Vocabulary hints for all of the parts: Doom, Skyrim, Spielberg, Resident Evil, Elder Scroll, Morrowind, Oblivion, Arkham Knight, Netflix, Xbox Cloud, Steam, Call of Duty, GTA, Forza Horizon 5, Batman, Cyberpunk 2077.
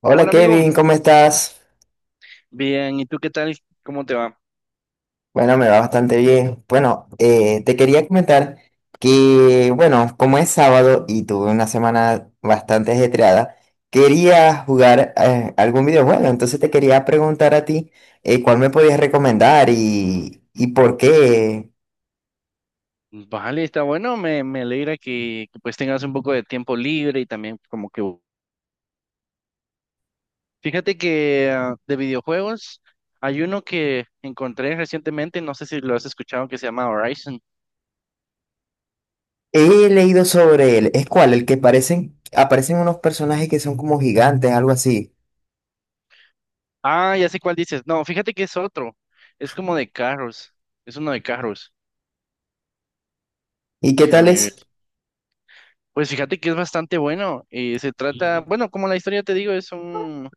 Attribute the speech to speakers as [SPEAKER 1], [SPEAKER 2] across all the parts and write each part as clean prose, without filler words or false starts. [SPEAKER 1] Hola
[SPEAKER 2] Hola amigo,
[SPEAKER 1] Kevin, ¿cómo estás?
[SPEAKER 2] bien, ¿y tú qué tal? ¿Cómo te va?
[SPEAKER 1] Bueno, me va bastante bien. Bueno, te quería comentar
[SPEAKER 2] Sí.
[SPEAKER 1] que, bueno, como es sábado y tuve una semana bastante ajetreada, quería jugar algún videojuego. Entonces te quería preguntar a ti cuál me podías recomendar y por qué.
[SPEAKER 2] Vale, está bueno, me alegra que, pues tengas un poco de tiempo libre y también como que... Fíjate que de videojuegos hay uno que encontré recientemente, no sé si lo has escuchado, que se llama Horizon.
[SPEAKER 1] He leído sobre él. ¿Es cuál? El que aparecen unos personajes que son como gigantes, algo así.
[SPEAKER 2] Ah, ya sé cuál dices. No, fíjate que es otro, es como de carros, es uno de carros,
[SPEAKER 1] ¿Y qué tal
[SPEAKER 2] déjame ver.
[SPEAKER 1] es?
[SPEAKER 2] Pues fíjate que es bastante bueno y se trata, bueno, como la historia te digo, es un...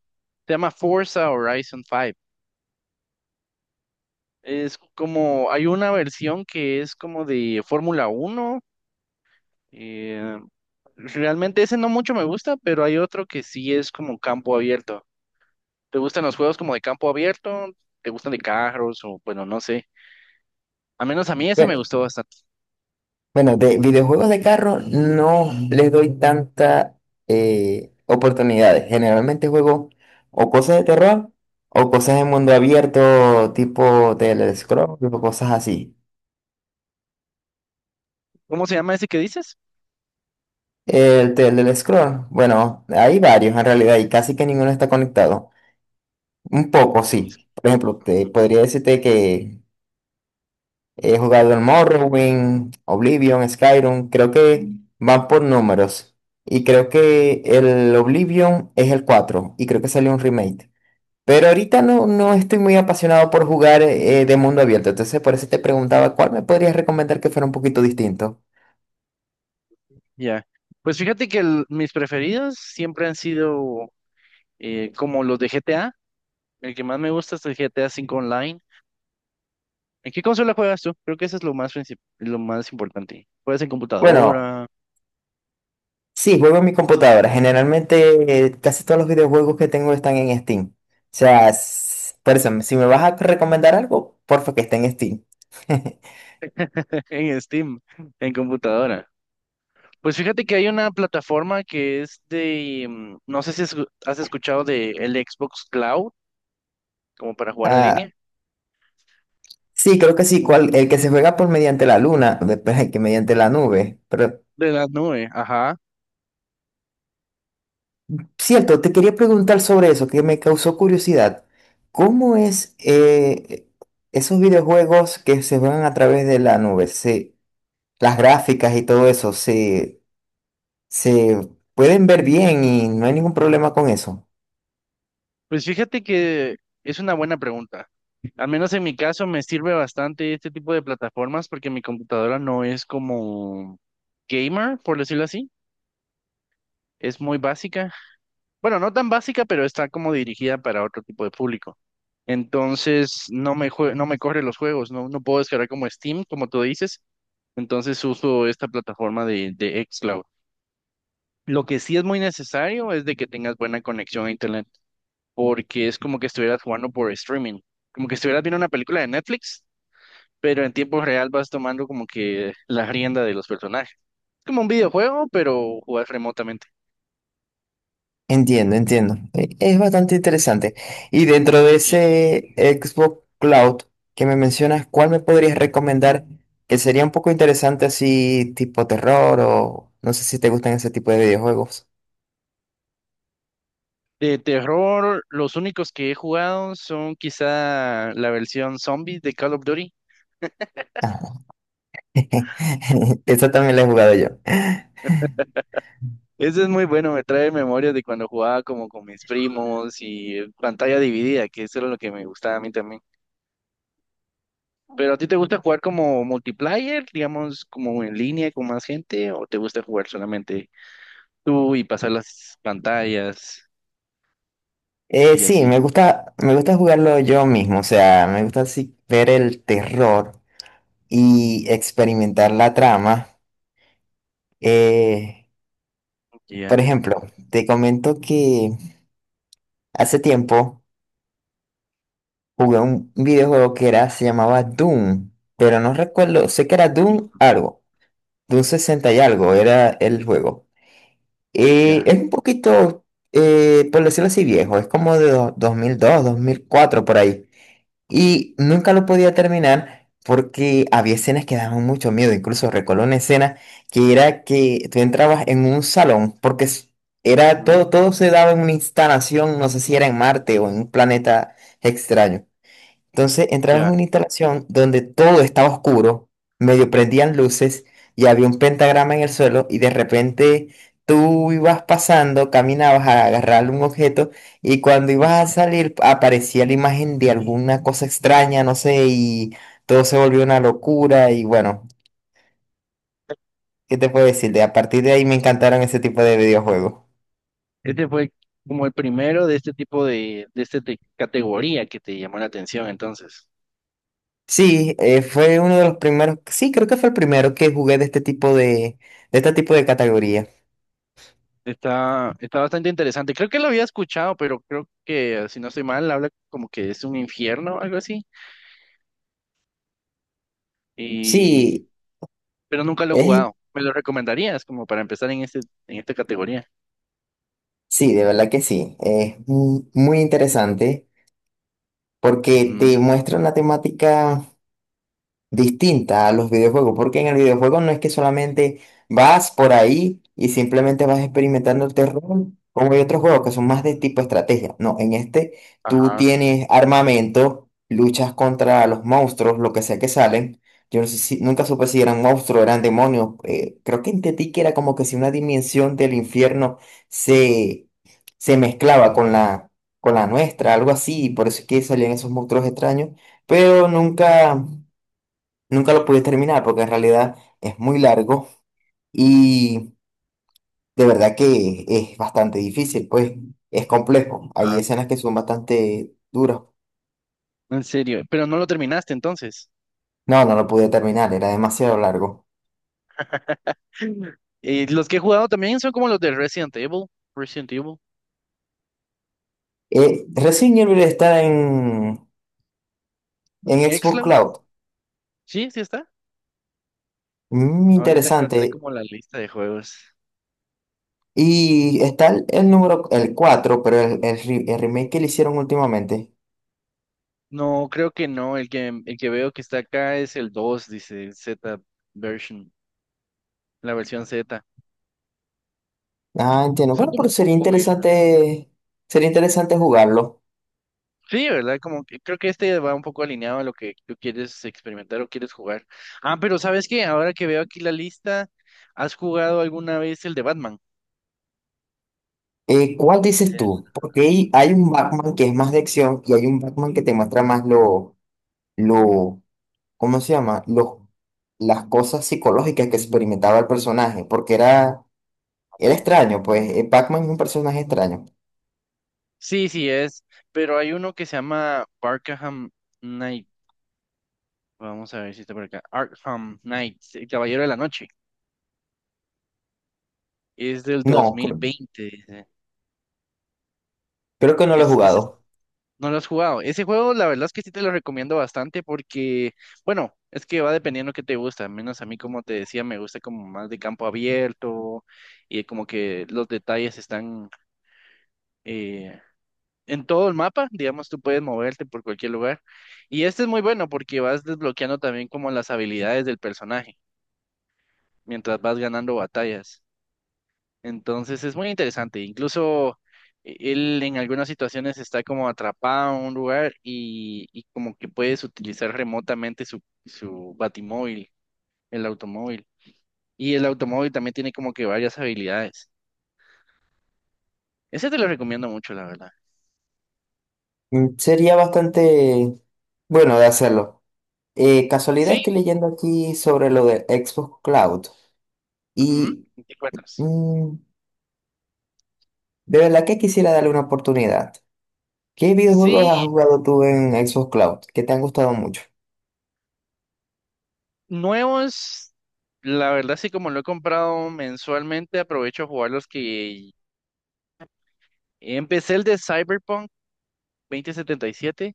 [SPEAKER 2] Se llama Forza Horizon 5. Es como, hay una versión que es como de Fórmula 1 eh, realmente ese no mucho me gusta, pero hay otro que sí es como campo abierto. ¿Te gustan los juegos como de campo abierto? ¿Te gustan de carros? O bueno, no sé. Al menos a mí ese me gustó bastante.
[SPEAKER 1] Bueno, de videojuegos de carro no les doy tanta oportunidades. Generalmente juego o cosas de terror o cosas de mundo abierto, tipo Elder Scroll, tipo cosas así.
[SPEAKER 2] ¿Cómo se llama ese que dices?
[SPEAKER 1] El Elder Scroll, bueno, hay varios en realidad y casi que ninguno está conectado. Un poco,
[SPEAKER 2] Tenis.
[SPEAKER 1] sí. Por ejemplo, te podría decirte que he jugado el Morrowind, Oblivion, Skyrim, creo que van por números. Y creo que el Oblivion es el 4 y creo que salió un remake. Pero ahorita no estoy muy apasionado por jugar de mundo abierto, entonces por eso te preguntaba cuál me podrías recomendar que fuera un poquito distinto.
[SPEAKER 2] Ya. Pues fíjate que mis preferidos siempre han sido como los de GTA. El que más me gusta es el GTA 5 Online. ¿En qué consola juegas tú? Creo que eso es lo más importante. ¿Juegas en
[SPEAKER 1] Bueno,
[SPEAKER 2] computadora?
[SPEAKER 1] sí, juego en mi computadora. Generalmente casi todos los videojuegos que tengo están en Steam. O sea, s- por eso, si me vas a recomendar algo, porfa que esté en Steam.
[SPEAKER 2] En Steam, en computadora. Pues fíjate que hay una plataforma que es de, no sé si has escuchado de el Xbox Cloud, como para jugar en
[SPEAKER 1] Ah.
[SPEAKER 2] línea.
[SPEAKER 1] Sí, creo que sí,
[SPEAKER 2] Mm,
[SPEAKER 1] cual- el que se juega por mediante la luna, después el que mediante la nube. Pero,
[SPEAKER 2] de la nube, ajá.
[SPEAKER 1] cierto, te quería preguntar sobre eso, que me causó curiosidad. ¿Cómo es esos videojuegos que se juegan a través de la nube? Las gráficas y todo eso, se pueden ver bien y no hay ningún problema con eso.
[SPEAKER 2] Pues fíjate que es una buena pregunta. Al menos en mi caso me sirve bastante este tipo de plataformas porque mi computadora no es como gamer, por decirlo así. Es muy básica. Bueno, no tan básica, pero está como dirigida para otro tipo de público. Entonces, no me corre los juegos, no puedo descargar como Steam, como tú dices. Entonces, uso esta plataforma de xCloud. Lo que sí es muy necesario es de que tengas buena conexión a Internet, porque es como que estuvieras jugando por streaming, como que estuvieras viendo una película de Netflix, pero en tiempo real vas tomando como que la rienda de los personajes. Es como un videojuego, pero jugar remotamente.
[SPEAKER 1] Entiendo, entiendo. Es bastante interesante. Y dentro de ese Xbox Cloud que me mencionas, ¿cuál me podrías recomendar que sería un poco interesante así tipo terror o no sé si te gustan ese tipo de videojuegos?
[SPEAKER 2] De terror, los únicos que he jugado son quizá la versión zombie de Call of Duty.
[SPEAKER 1] Ajá. Esa también la he jugado yo.
[SPEAKER 2] Ese es muy bueno, me trae memorias de cuando jugaba como con mis primos y pantalla dividida, que eso era lo que me gustaba a mí también. ¿Pero a ti te gusta jugar como multiplayer, digamos, como en línea con más gente, o te gusta jugar solamente tú y pasar las pantallas y
[SPEAKER 1] Sí,
[SPEAKER 2] así?
[SPEAKER 1] me gusta jugarlo yo mismo, o sea, me gusta así ver el terror y experimentar la trama. Eh, por
[SPEAKER 2] Ya.
[SPEAKER 1] ejemplo, te comento que hace tiempo jugué un videojuego que era, se llamaba Doom, pero no recuerdo, sé que era Doom algo, Doom 60 y algo era el juego. Y es un poquito, por decirlo así, viejo, es como de do- 2002, 2004 por ahí. Y nunca lo podía terminar porque había escenas que daban mucho miedo, incluso recuerdo una escena que era que tú entrabas en un salón porque... s- era
[SPEAKER 2] Mm.
[SPEAKER 1] todo se daba en una instalación, no sé si era en Marte o en un planeta extraño. Entonces entramos en
[SPEAKER 2] Ya.
[SPEAKER 1] una instalación donde todo estaba oscuro, medio prendían luces y había un pentagrama en el suelo y de repente tú ibas pasando, caminabas a agarrar un objeto y cuando
[SPEAKER 2] ¿Mm?
[SPEAKER 1] ibas a
[SPEAKER 2] Ya.
[SPEAKER 1] salir aparecía la imagen de alguna cosa extraña, no sé, y todo se volvió una locura y bueno, ¿qué te puedo decir? De a partir de ahí me encantaron ese tipo de videojuegos.
[SPEAKER 2] Este fue como el primero de este tipo de esta categoría que te llamó la atención, entonces.
[SPEAKER 1] Sí, fue uno de los primeros, sí, creo que fue el primero que jugué de este tipo de este tipo de categoría.
[SPEAKER 2] Está bastante interesante. Creo que lo había escuchado, pero creo que, si no estoy mal, habla como que es un infierno, algo así. Y,
[SPEAKER 1] Sí,
[SPEAKER 2] pero nunca lo he
[SPEAKER 1] es,
[SPEAKER 2] jugado. ¿Me lo recomendarías como para empezar en esta categoría?
[SPEAKER 1] sí, de verdad que sí. Es mu- muy interesante porque
[SPEAKER 2] Mm.
[SPEAKER 1] te muestra una temática distinta a los videojuegos, porque en el videojuego no es que solamente vas por ahí y simplemente vas experimentando el terror, como hay otros juegos que son más de tipo estrategia. No, en este tú
[SPEAKER 2] Ajá,
[SPEAKER 1] tienes armamento, luchas contra los monstruos, lo que sea que salen. Yo no sé si, nunca supe si eran monstruos, eran demonios. Creo que entendí que era como que si una dimensión del infierno se, se mezclaba con con la nuestra, algo así, y por eso es que salían esos monstruos extraños, pero nunca. Nunca lo pude terminar porque en realidad es muy largo y de verdad que es bastante difícil, pues es complejo. Hay
[SPEAKER 2] ajá.
[SPEAKER 1] escenas que son bastante duras.
[SPEAKER 2] En serio, pero no lo terminaste entonces.
[SPEAKER 1] No, no lo pude terminar, era demasiado largo.
[SPEAKER 2] Y los que he jugado también son como los de Resident Evil, Resident Evil,
[SPEAKER 1] Resident Evil está en
[SPEAKER 2] en
[SPEAKER 1] Xbox
[SPEAKER 2] xCloud.
[SPEAKER 1] Cloud.
[SPEAKER 2] Sí, sí está.
[SPEAKER 1] Mm,
[SPEAKER 2] Ahorita encontré
[SPEAKER 1] interesante.
[SPEAKER 2] como la lista de juegos.
[SPEAKER 1] Y está el número, el 4 pero el re- el remake que le hicieron últimamente.
[SPEAKER 2] No, creo que no. El que veo que está acá es el 2, dice el Z version, la versión Z.
[SPEAKER 1] Ah, entiendo.
[SPEAKER 2] Son
[SPEAKER 1] Bueno, pero
[SPEAKER 2] como un poco vieja.
[SPEAKER 1] sería interesante jugarlo.
[SPEAKER 2] Sí, ¿verdad? Como que creo que este va un poco alineado a lo que tú quieres experimentar o quieres jugar. Ah, pero ¿sabes qué? Ahora que veo aquí la lista, ¿has jugado alguna vez el de Batman?
[SPEAKER 1] ¿Cuál dices
[SPEAKER 2] El-
[SPEAKER 1] tú? Porque hay un Batman que es más de acción y hay un Batman que te muestra más lo, ¿cómo se llama? Los, las cosas psicológicas que experimentaba el personaje, porque era, era
[SPEAKER 2] oh.
[SPEAKER 1] extraño, pues Batman es un personaje extraño.
[SPEAKER 2] Sí, sí es, pero hay uno que se llama Arkham Knight. Vamos a ver si está por acá. Arkham Knight, el Caballero de la Noche. Es del
[SPEAKER 1] No, creo,
[SPEAKER 2] 2020, dice.
[SPEAKER 1] creo que no lo he
[SPEAKER 2] Es, ese es-
[SPEAKER 1] jugado.
[SPEAKER 2] no lo has jugado. Ese juego, la verdad es que sí te lo recomiendo bastante porque, bueno, es que va dependiendo qué te gusta. Al menos a mí, como te decía, me gusta como más de campo abierto y como que los detalles están eh, en todo el mapa. Digamos, tú puedes moverte por cualquier lugar. Y este es muy bueno porque vas desbloqueando también como las habilidades del personaje mientras vas ganando batallas. Entonces es muy interesante. Incluso él en algunas situaciones está como atrapado en un lugar y como que puedes utilizar remotamente su batimóvil, el automóvil. Y el automóvil también tiene como que varias habilidades. Ese te lo recomiendo mucho, la verdad.
[SPEAKER 1] Mm, sería bastante bueno de hacerlo. Casualidad
[SPEAKER 2] Sí,
[SPEAKER 1] estoy leyendo aquí sobre lo de Xbox Cloud
[SPEAKER 2] ujú.
[SPEAKER 1] y
[SPEAKER 2] ¿Te acuerdas?
[SPEAKER 1] mm, de verdad que quisiera darle una oportunidad. ¿Qué videojuegos
[SPEAKER 2] Sí,
[SPEAKER 1] has jugado tú en Xbox Cloud que te han gustado mucho?
[SPEAKER 2] nuevos, la verdad sí, como lo he comprado mensualmente, aprovecho a jugar los que empecé el de Cyberpunk 2077.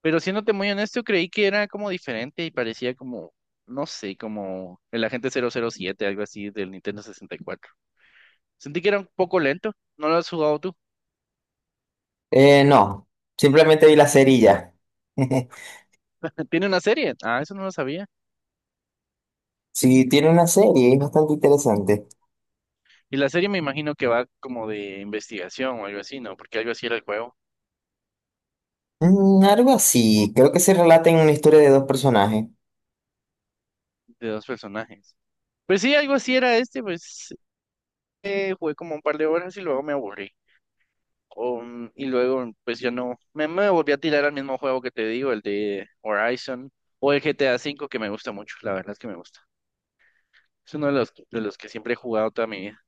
[SPEAKER 2] Pero siéndote muy honesto, creí que era como diferente y parecía como, no sé, como el agente 007 algo así del Nintendo 64. Sentí que era un poco lento. ¿No lo has jugado tú?
[SPEAKER 1] No, simplemente vi la serie y ya.
[SPEAKER 2] Tiene una serie. Ah, eso no lo sabía.
[SPEAKER 1] Si tiene una serie, es bastante interesante.
[SPEAKER 2] Y la serie me imagino que va como de investigación o algo así, ¿no? Porque algo así era el juego
[SPEAKER 1] Mm, algo así, creo que se relata en una historia de dos personajes.
[SPEAKER 2] de dos personajes. Pues sí, algo así era este, pues jugué como un par de horas y luego me aburrí. Y luego, pues yo no, me volví a tirar al mismo juego que te digo, el de Horizon o el GTA 5 que me gusta mucho, la verdad es que me gusta. Es uno de los que siempre he jugado toda mi vida.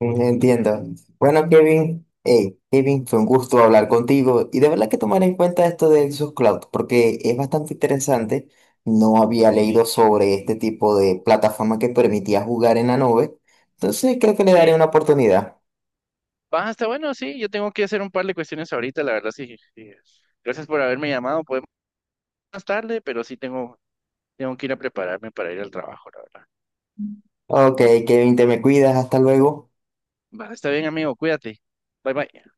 [SPEAKER 1] Mm, entiendo. Bueno, Kevin, hey, Kevin, fue un gusto hablar contigo y de verdad que tomar en cuenta esto de Xbox Cloud porque es bastante interesante. No había leído sobre este tipo de plataforma que permitía jugar en la nube, entonces creo que le daré
[SPEAKER 2] Sí,
[SPEAKER 1] una oportunidad.
[SPEAKER 2] va, está bueno, sí, yo tengo que hacer un par de cuestiones ahorita, la verdad, sí. Sí. Gracias por haberme llamado, podemos más tarde, pero sí tengo, que ir a prepararme para ir al trabajo, la verdad.
[SPEAKER 1] Ok, Kevin, te me cuidas. Hasta luego.
[SPEAKER 2] Va, está bien, amigo, cuídate. Bye, bye.